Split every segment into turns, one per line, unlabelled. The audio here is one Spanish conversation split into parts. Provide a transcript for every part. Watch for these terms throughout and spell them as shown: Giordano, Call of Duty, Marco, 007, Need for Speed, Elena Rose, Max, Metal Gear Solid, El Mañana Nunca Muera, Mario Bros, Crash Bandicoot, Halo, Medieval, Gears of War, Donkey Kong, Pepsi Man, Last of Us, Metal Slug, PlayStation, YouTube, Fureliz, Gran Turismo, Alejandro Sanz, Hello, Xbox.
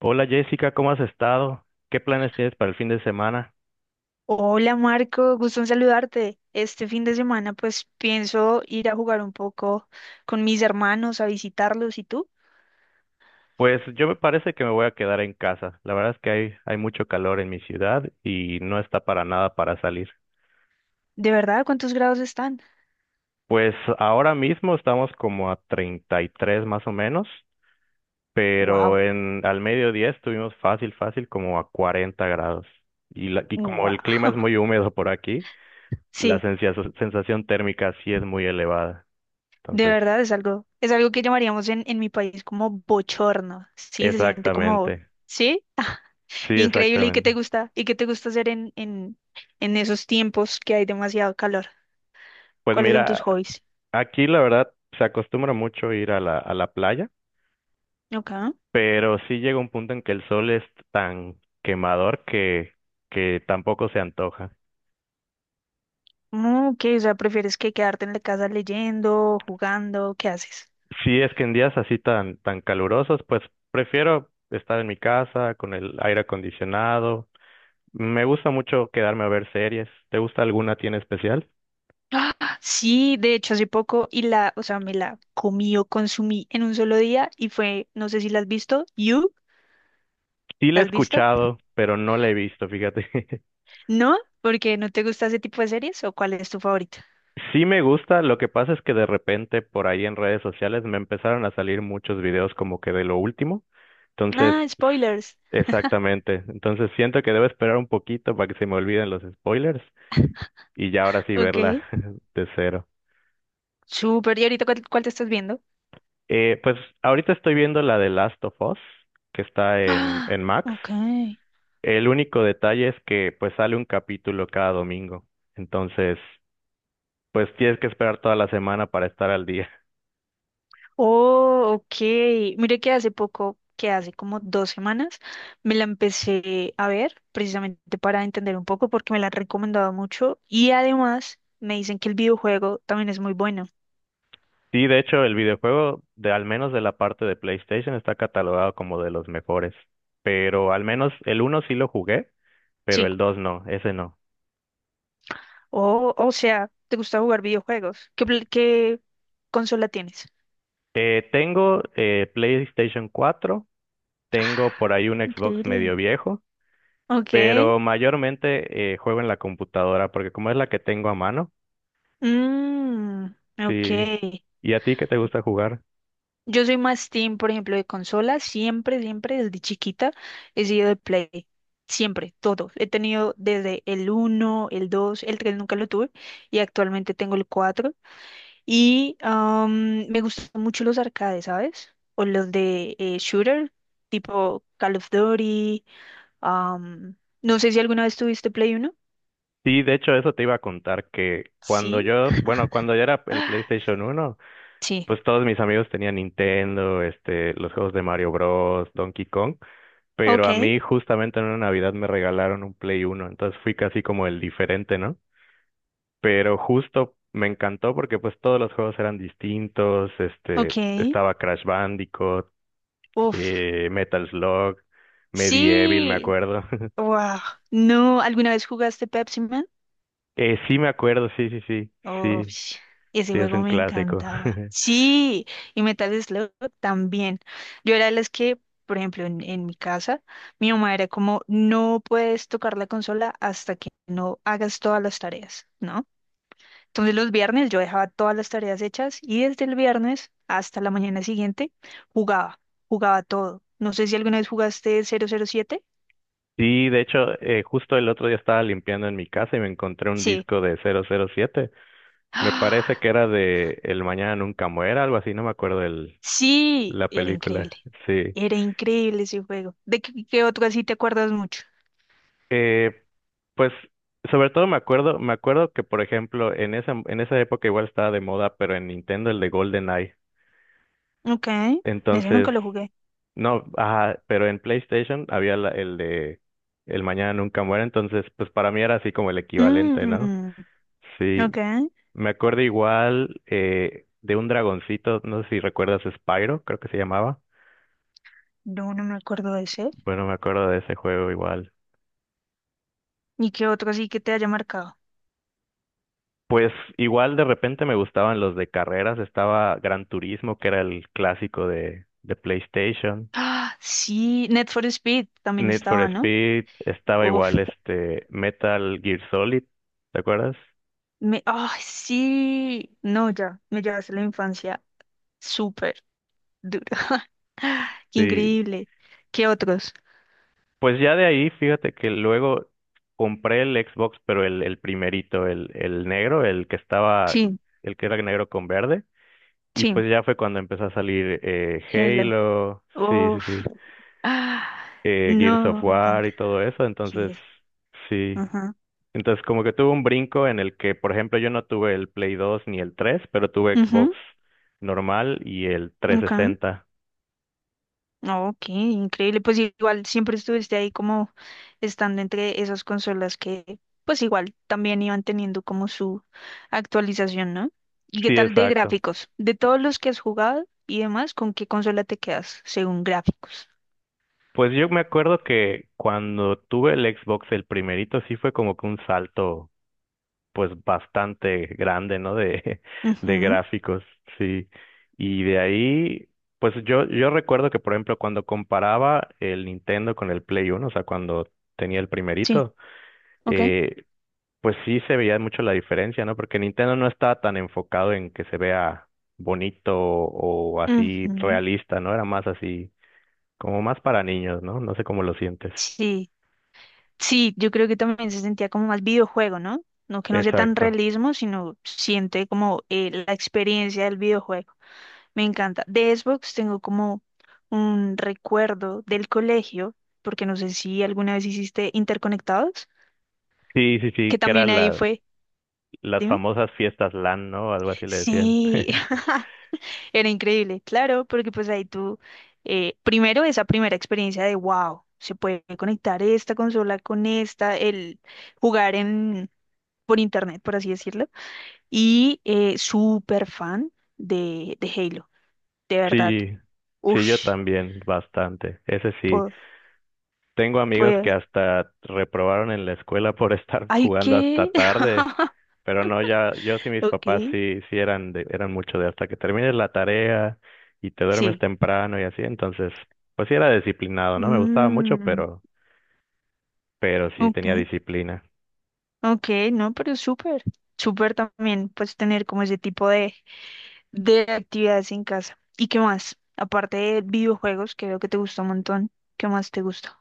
Hola Jessica, ¿cómo has estado? ¿Qué planes tienes para el fin de semana?
Hola Marco, gusto en saludarte. Este fin de semana pues pienso ir a jugar un poco con mis hermanos, a visitarlos. ¿Y tú?
Pues yo me parece que me voy a quedar en casa. La verdad es que hay mucho calor en mi ciudad y no está para nada para salir.
¿De verdad cuántos grados están?
Pues ahora mismo estamos como a 33 más o menos, pero
Wow,
en al mediodía estuvimos fácil como a 40 grados. Y, y como el clima
wow.
es muy húmedo por aquí, la
Sí,
sensia- sensación térmica sí es muy elevada.
de
Entonces,
verdad es algo que llamaríamos en mi país como bochorno. Sí, se siente como,
exactamente.
sí,
Sí,
increíble. ¿Y qué te
exactamente.
gusta? ¿Y qué te gusta hacer en esos tiempos que hay demasiado calor?
Pues
¿Cuáles son tus
mira,
hobbies?
aquí la verdad se acostumbra mucho ir a la playa,
Ok.
pero sí llega un punto en que el sol es tan quemador que tampoco se antoja.
Mm, ok, o sea, ¿prefieres que quedarte en la casa leyendo, jugando? ¿Qué haces?
Si es que en días así tan calurosos, pues prefiero estar en mi casa con el aire acondicionado. Me gusta mucho quedarme a ver series. ¿Te gusta alguna tiene especial?
¡Ah! Sí, de hecho hace poco y la, o sea, me la comí o consumí en un solo día y fue, no sé si la has visto, You,
Sí la
¿la
he
has visto?
escuchado, pero no la he visto, fíjate.
¿No? ¿Porque no te gusta ese tipo de series o cuál es tu favorita?
Sí me gusta, lo que pasa es que de repente por ahí en redes sociales me empezaron a salir muchos videos como que de lo último. Entonces,
Ah,
s-
spoilers.
exactamente. Entonces siento que debo esperar un poquito para que se me olviden los spoilers y ya ahora sí
Ok.
verla de cero.
Súper, ¿y ahorita cuál te estás viendo?
Pues ahorita estoy viendo la de Last of Us, que está en,
Ah,
en Max.
ok.
El único detalle es que pues sale un capítulo cada domingo. Entonces, pues tienes que esperar toda la semana para estar al día.
Oh, ok. Mire que hace poco, que hace como dos semanas, me la empecé a ver precisamente para entender un poco porque me la han recomendado mucho y además me dicen que el videojuego también es muy bueno.
Sí, de hecho, el videojuego, de al menos de la parte de PlayStation, está catalogado como de los mejores. Pero al menos el uno sí lo jugué, pero
Sí.
el 2 no, ese no.
Oh, o sea, ¿te gusta jugar videojuegos? ¿Qué consola tienes?
Tengo PlayStation 4, tengo
Ah,
por ahí un Xbox
increíble.
medio viejo,
Ok.
pero mayormente juego en la computadora, porque como es la que tengo a mano,
Mm, ok.
sí. ¿Y a ti qué te gusta jugar?
Yo soy más team, por ejemplo, de consola. Siempre, siempre, desde chiquita he sido de Play. Siempre, todo. He tenido desde el uno, el 2, el 3 nunca lo tuve y actualmente tengo el 4. Y me gustan mucho los arcades, ¿sabes? O los de shooter, tipo Call of Duty. am, no sé si alguna vez tuviste Play uno.
Sí, de hecho, eso te iba a contar, que
Sí.
cuando yo era el
Ah,
PlayStation uno
sí.
pues todos mis amigos tenían Nintendo, este, los juegos de Mario Bros, Donkey Kong, pero
Ok,
a mí justamente en una Navidad me regalaron un Play Uno, entonces fui casi como el diferente, ¿no? Pero justo me encantó porque pues todos los juegos eran distintos, este,
ok.
estaba Crash Bandicoot,
Uf.
Metal Slug, Medieval, me
Sí.
acuerdo.
Wow. No, ¿alguna vez jugaste Pepsi Man?
Sí me acuerdo,
Oh,
sí,
ese
sí, es
juego
un
me
clásico.
encantaba. Sí, y Metal Slug también. Yo era de las que, por ejemplo, en mi casa, mi mamá era como, no puedes tocar la consola hasta que no hagas todas las tareas, ¿no? Entonces los viernes yo dejaba todas las tareas hechas y desde el viernes hasta la mañana siguiente jugaba, jugaba todo. No sé si alguna vez jugaste 007.
Sí, de hecho, justo el otro día estaba limpiando en mi casa y me encontré un
Sí.
disco de 007. Me parece que era de El Mañana Nunca Muera, algo así, no me acuerdo
Sí,
la
era
película.
increíble.
Sí.
Era increíble ese juego. ¿De qué otro así te acuerdas mucho?
Eh, pues, sobre todo me acuerdo que, por ejemplo, en en esa época igual estaba de moda, pero en Nintendo el de GoldenEye.
Ok, ese
Entonces,
nunca lo jugué.
no, ajá, pero en PlayStation el de El Mañana Nunca Muera, entonces, pues para mí era así como el equivalente, ¿no?
Mm,
Sí.
ok,
Me acuerdo igual de un dragoncito, no sé si recuerdas Spyro, creo que se llamaba.
no, no me acuerdo de ese.
Bueno, me acuerdo de ese juego igual.
¿Y qué otro así que te haya marcado?
Pues igual de repente me gustaban los de carreras. Estaba Gran Turismo, que era el clásico de PlayStation.
Ah, sí, Need for Speed también
Need for
estaba, ¿no?
Speed, estaba
Uf,
igual este Metal Gear Solid, ¿te acuerdas?
me, ah, sí, no, ya, me llevaste la infancia súper dura. Qué
Sí.
increíble. ¿Qué otros?
Pues ya de ahí, fíjate que luego compré el Xbox, pero el primerito, el negro,
Sí,
el que era negro con verde. Y
sí,
pues ya fue cuando empezó a salir
Hello.
Halo. Sí, sí,
Uf.
sí,
Ah,
Gears of
no, me
War
encanta.
y todo eso,
Aquí
entonces
es.
sí.
Ajá.
Entonces como que tuve un brinco en el que, por ejemplo, yo no tuve el Play 2 ni el 3, pero tuve
Ujú,
Xbox normal y el
ok.
360.
Ok, increíble. Pues igual siempre estuviste ahí como estando entre esas consolas que pues igual también iban teniendo como su actualización, ¿no? ¿Y qué
Sí,
tal de
exacto.
gráficos? De todos los que has jugado y demás, ¿con qué consola te quedas según gráficos?
Pues yo me acuerdo que cuando tuve el Xbox, el primerito, sí fue como que un salto pues bastante grande, ¿no? De, de
Ujú,
gráficos, sí. Y de ahí, pues yo recuerdo que, por ejemplo, cuando comparaba el Nintendo con el Play Uno, o sea, cuando tenía el
sí,
primerito,
ok.
eh, pues sí se veía mucho la diferencia, ¿no? Porque Nintendo no estaba tan enfocado en que se vea bonito o así
Ujú,
realista, ¿no? Era más así, como más para niños, ¿no? No sé cómo lo sientes.
sí. Sí, yo creo que también se sentía como más videojuego, ¿no? No que no sea tan
Exacto.
realismo, sino siente como la experiencia del videojuego. Me encanta. De Xbox tengo como un recuerdo del colegio, porque no sé si alguna vez hiciste interconectados,
Sí, sí,
que
sí,
también ahí fue.
las
Dime.
famosas fiestas LAN, ¿no? Algo así le decían.
Sí, era increíble, claro, porque pues ahí tú, primero esa primera experiencia de wow, se puede conectar esta consola con esta, el jugar por internet, por así decirlo y súper fan de Halo, de verdad.
Sí, sí, yo
Ush,
también, bastante. Ese sí.
po-
Tengo amigos que
pues,
hasta reprobaron en la escuela por estar
hay
jugando
que...
hasta tarde. Pero no, ya, yo sí,
Ok,
sí eran eran mucho de hasta que termines la tarea y te duermes
sí.
temprano y así. Entonces, pues sí era disciplinado, ¿no? Me gustaba mucho,
Mm,
pero sí
ok,
tenía disciplina.
ok, no, pero súper, súper también, pues tener como ese tipo de actividades en casa. ¿Y qué más? Aparte de videojuegos, que veo que te gusta un montón, ¿qué más te gusta?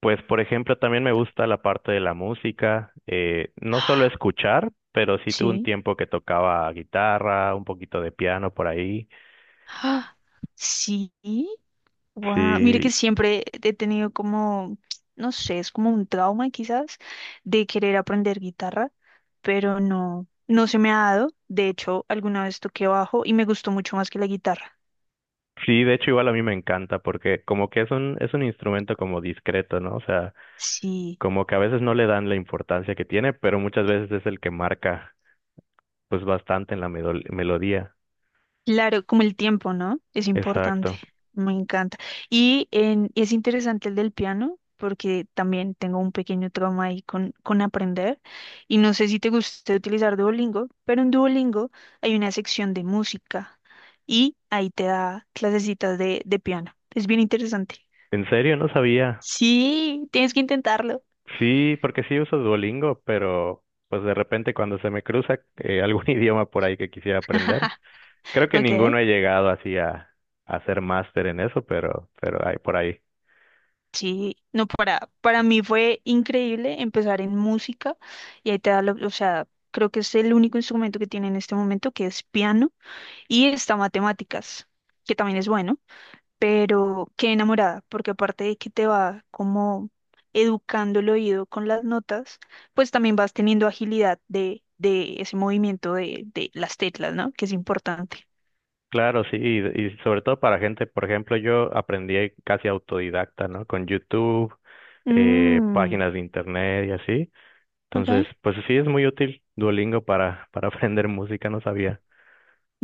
Pues, por ejemplo, también me gusta la parte de la música, no solo escuchar, pero sí tuve un
Sí.
tiempo que tocaba guitarra, un poquito de piano por ahí.
Sí. Guau, mire que
Sí,
siempre he tenido como, no sé, es como un trauma quizás de querer aprender guitarra, pero no, no se me ha dado. De hecho, alguna vez toqué bajo y me gustó mucho más que la guitarra.
sí, de hecho igual a mí me encanta porque como que es un instrumento como discreto, ¿no? O sea,
Sí,
como que a veces no le dan la importancia que tiene, pero muchas veces es el que marca pues bastante en melodía.
claro, como el tiempo, ¿no? Es importante,
Exacto.
me encanta. Y es interesante el del piano, porque también tengo un pequeño trauma ahí con aprender. Y no sé si te gusta utilizar Duolingo, pero en Duolingo hay una sección de música y ahí te da clasecitas de piano. Es bien interesante.
En serio, no sabía.
Sí, tienes que intentarlo.
Sí, porque sí uso Duolingo, pero pues de repente cuando se me cruza algún idioma por ahí que quisiera aprender, creo que
Ok.
ninguno he llegado así a ser máster en eso, pero hay por ahí.
Sí, no, para mí fue increíble empezar en música y ahí te da, o sea, creo que es el único instrumento que tiene en este momento, que es piano, y está matemáticas, que también es bueno, pero qué enamorada, porque aparte de que te va como educando el oído con las notas, pues también vas teniendo agilidad de ese movimiento de las teclas, ¿no? Que es importante.
Claro, y sobre todo para gente, por ejemplo, yo aprendí casi autodidacta, ¿no? Con YouTube,
Mm,
páginas de internet y así. Entonces,
ok.
pues sí es muy útil Duolingo para aprender música, no sabía.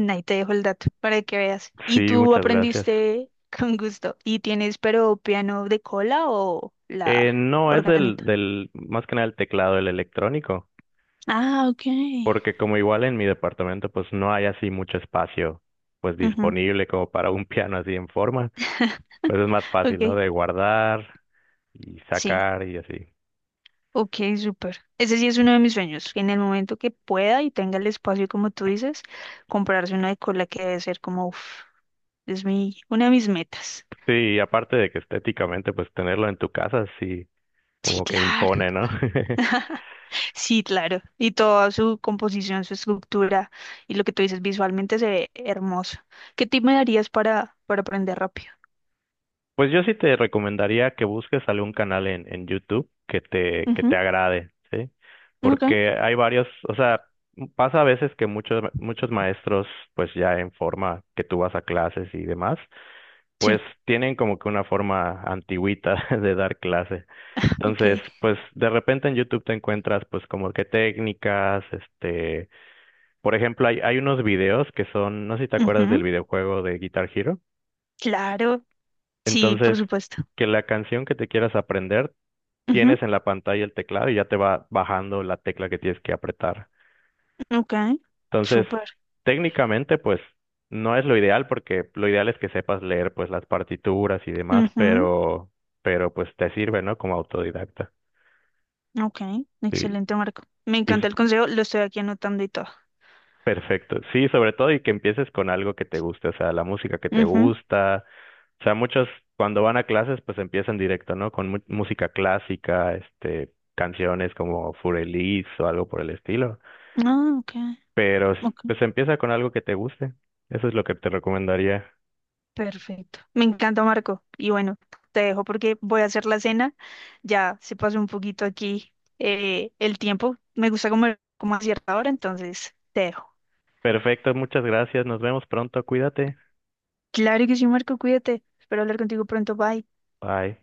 Ahí te dejo el dato para que veas. ¿Y
Sí,
tú
muchas gracias.
aprendiste con gusto? ¿Y tienes pero piano de cola o la
No, es
organeta?
más que nada el teclado, el electrónico,
Ah, ok.
porque como igual en mi departamento pues no hay así mucho espacio pues
Ujú,
disponible como para un piano así en forma, pues es más fácil, ¿no?
ok,
De guardar y
sí,
sacar y así.
ok, súper. Ese sí es uno de mis sueños, que en el momento que pueda y tenga el espacio, como tú dices, comprarse una de cola que debe ser como, uff, es mi, una de mis metas.
Sí, y aparte de que estéticamente pues tenerlo en tu casa sí
Sí,
como que
claro.
impone, ¿no?
Sí, claro. Y toda su composición, su estructura y lo que tú dices visualmente se ve hermoso. ¿Qué tip me darías para aprender rápido?
Pues yo sí te recomendaría que busques algún canal en YouTube que te
Ujú,
agrade, ¿sí?
ok.
Porque hay varios, o sea, pasa a veces que muchos maestros, pues ya en forma que tú vas a clases y demás, pues
Sí.
tienen como que una forma antigüita de dar clase. Entonces,
Ok.
pues de repente en YouTube te encuentras pues como que técnicas, este, por ejemplo, hay unos videos que son, no sé si te acuerdas del
Ujú,
videojuego de Guitar Hero.
claro. Sí, por
Entonces,
supuesto.
que la canción que te quieras aprender, tienes en la pantalla el teclado y ya te va bajando la tecla que tienes que apretar.
Ujú, ok.
Entonces,
Súper.
técnicamente, pues no es lo ideal porque lo ideal es que sepas leer pues las partituras y demás,
Ujú,
pero pues te sirve, ¿no? Como autodidacta.
ok.
Sí,
Excelente, Marco. Me
y es
encanta el consejo. Lo estoy aquí anotando y todo.
perfecto. Sí, sobre todo y que empieces con algo que te guste, o sea, la música que te
Ujú,
gusta. O sea, muchos cuando van a clases, pues empiezan directo, ¿no? Con música clásica, este, canciones como Fureliz o algo por el estilo.
ah, ok.
Pero
Ok.
pues empieza con algo que te guste. Eso es lo que te recomendaría.
Perfecto. Me encanta, Marco. Y bueno, te dejo porque voy a hacer la cena. Ya se pasó un poquito aquí el tiempo. Me gusta comer como a cierta hora, entonces te dejo.
Perfecto, muchas gracias. Nos vemos pronto. Cuídate.
Claro que sí, Marco, cuídate. Espero hablar contigo pronto. Bye.
Bye.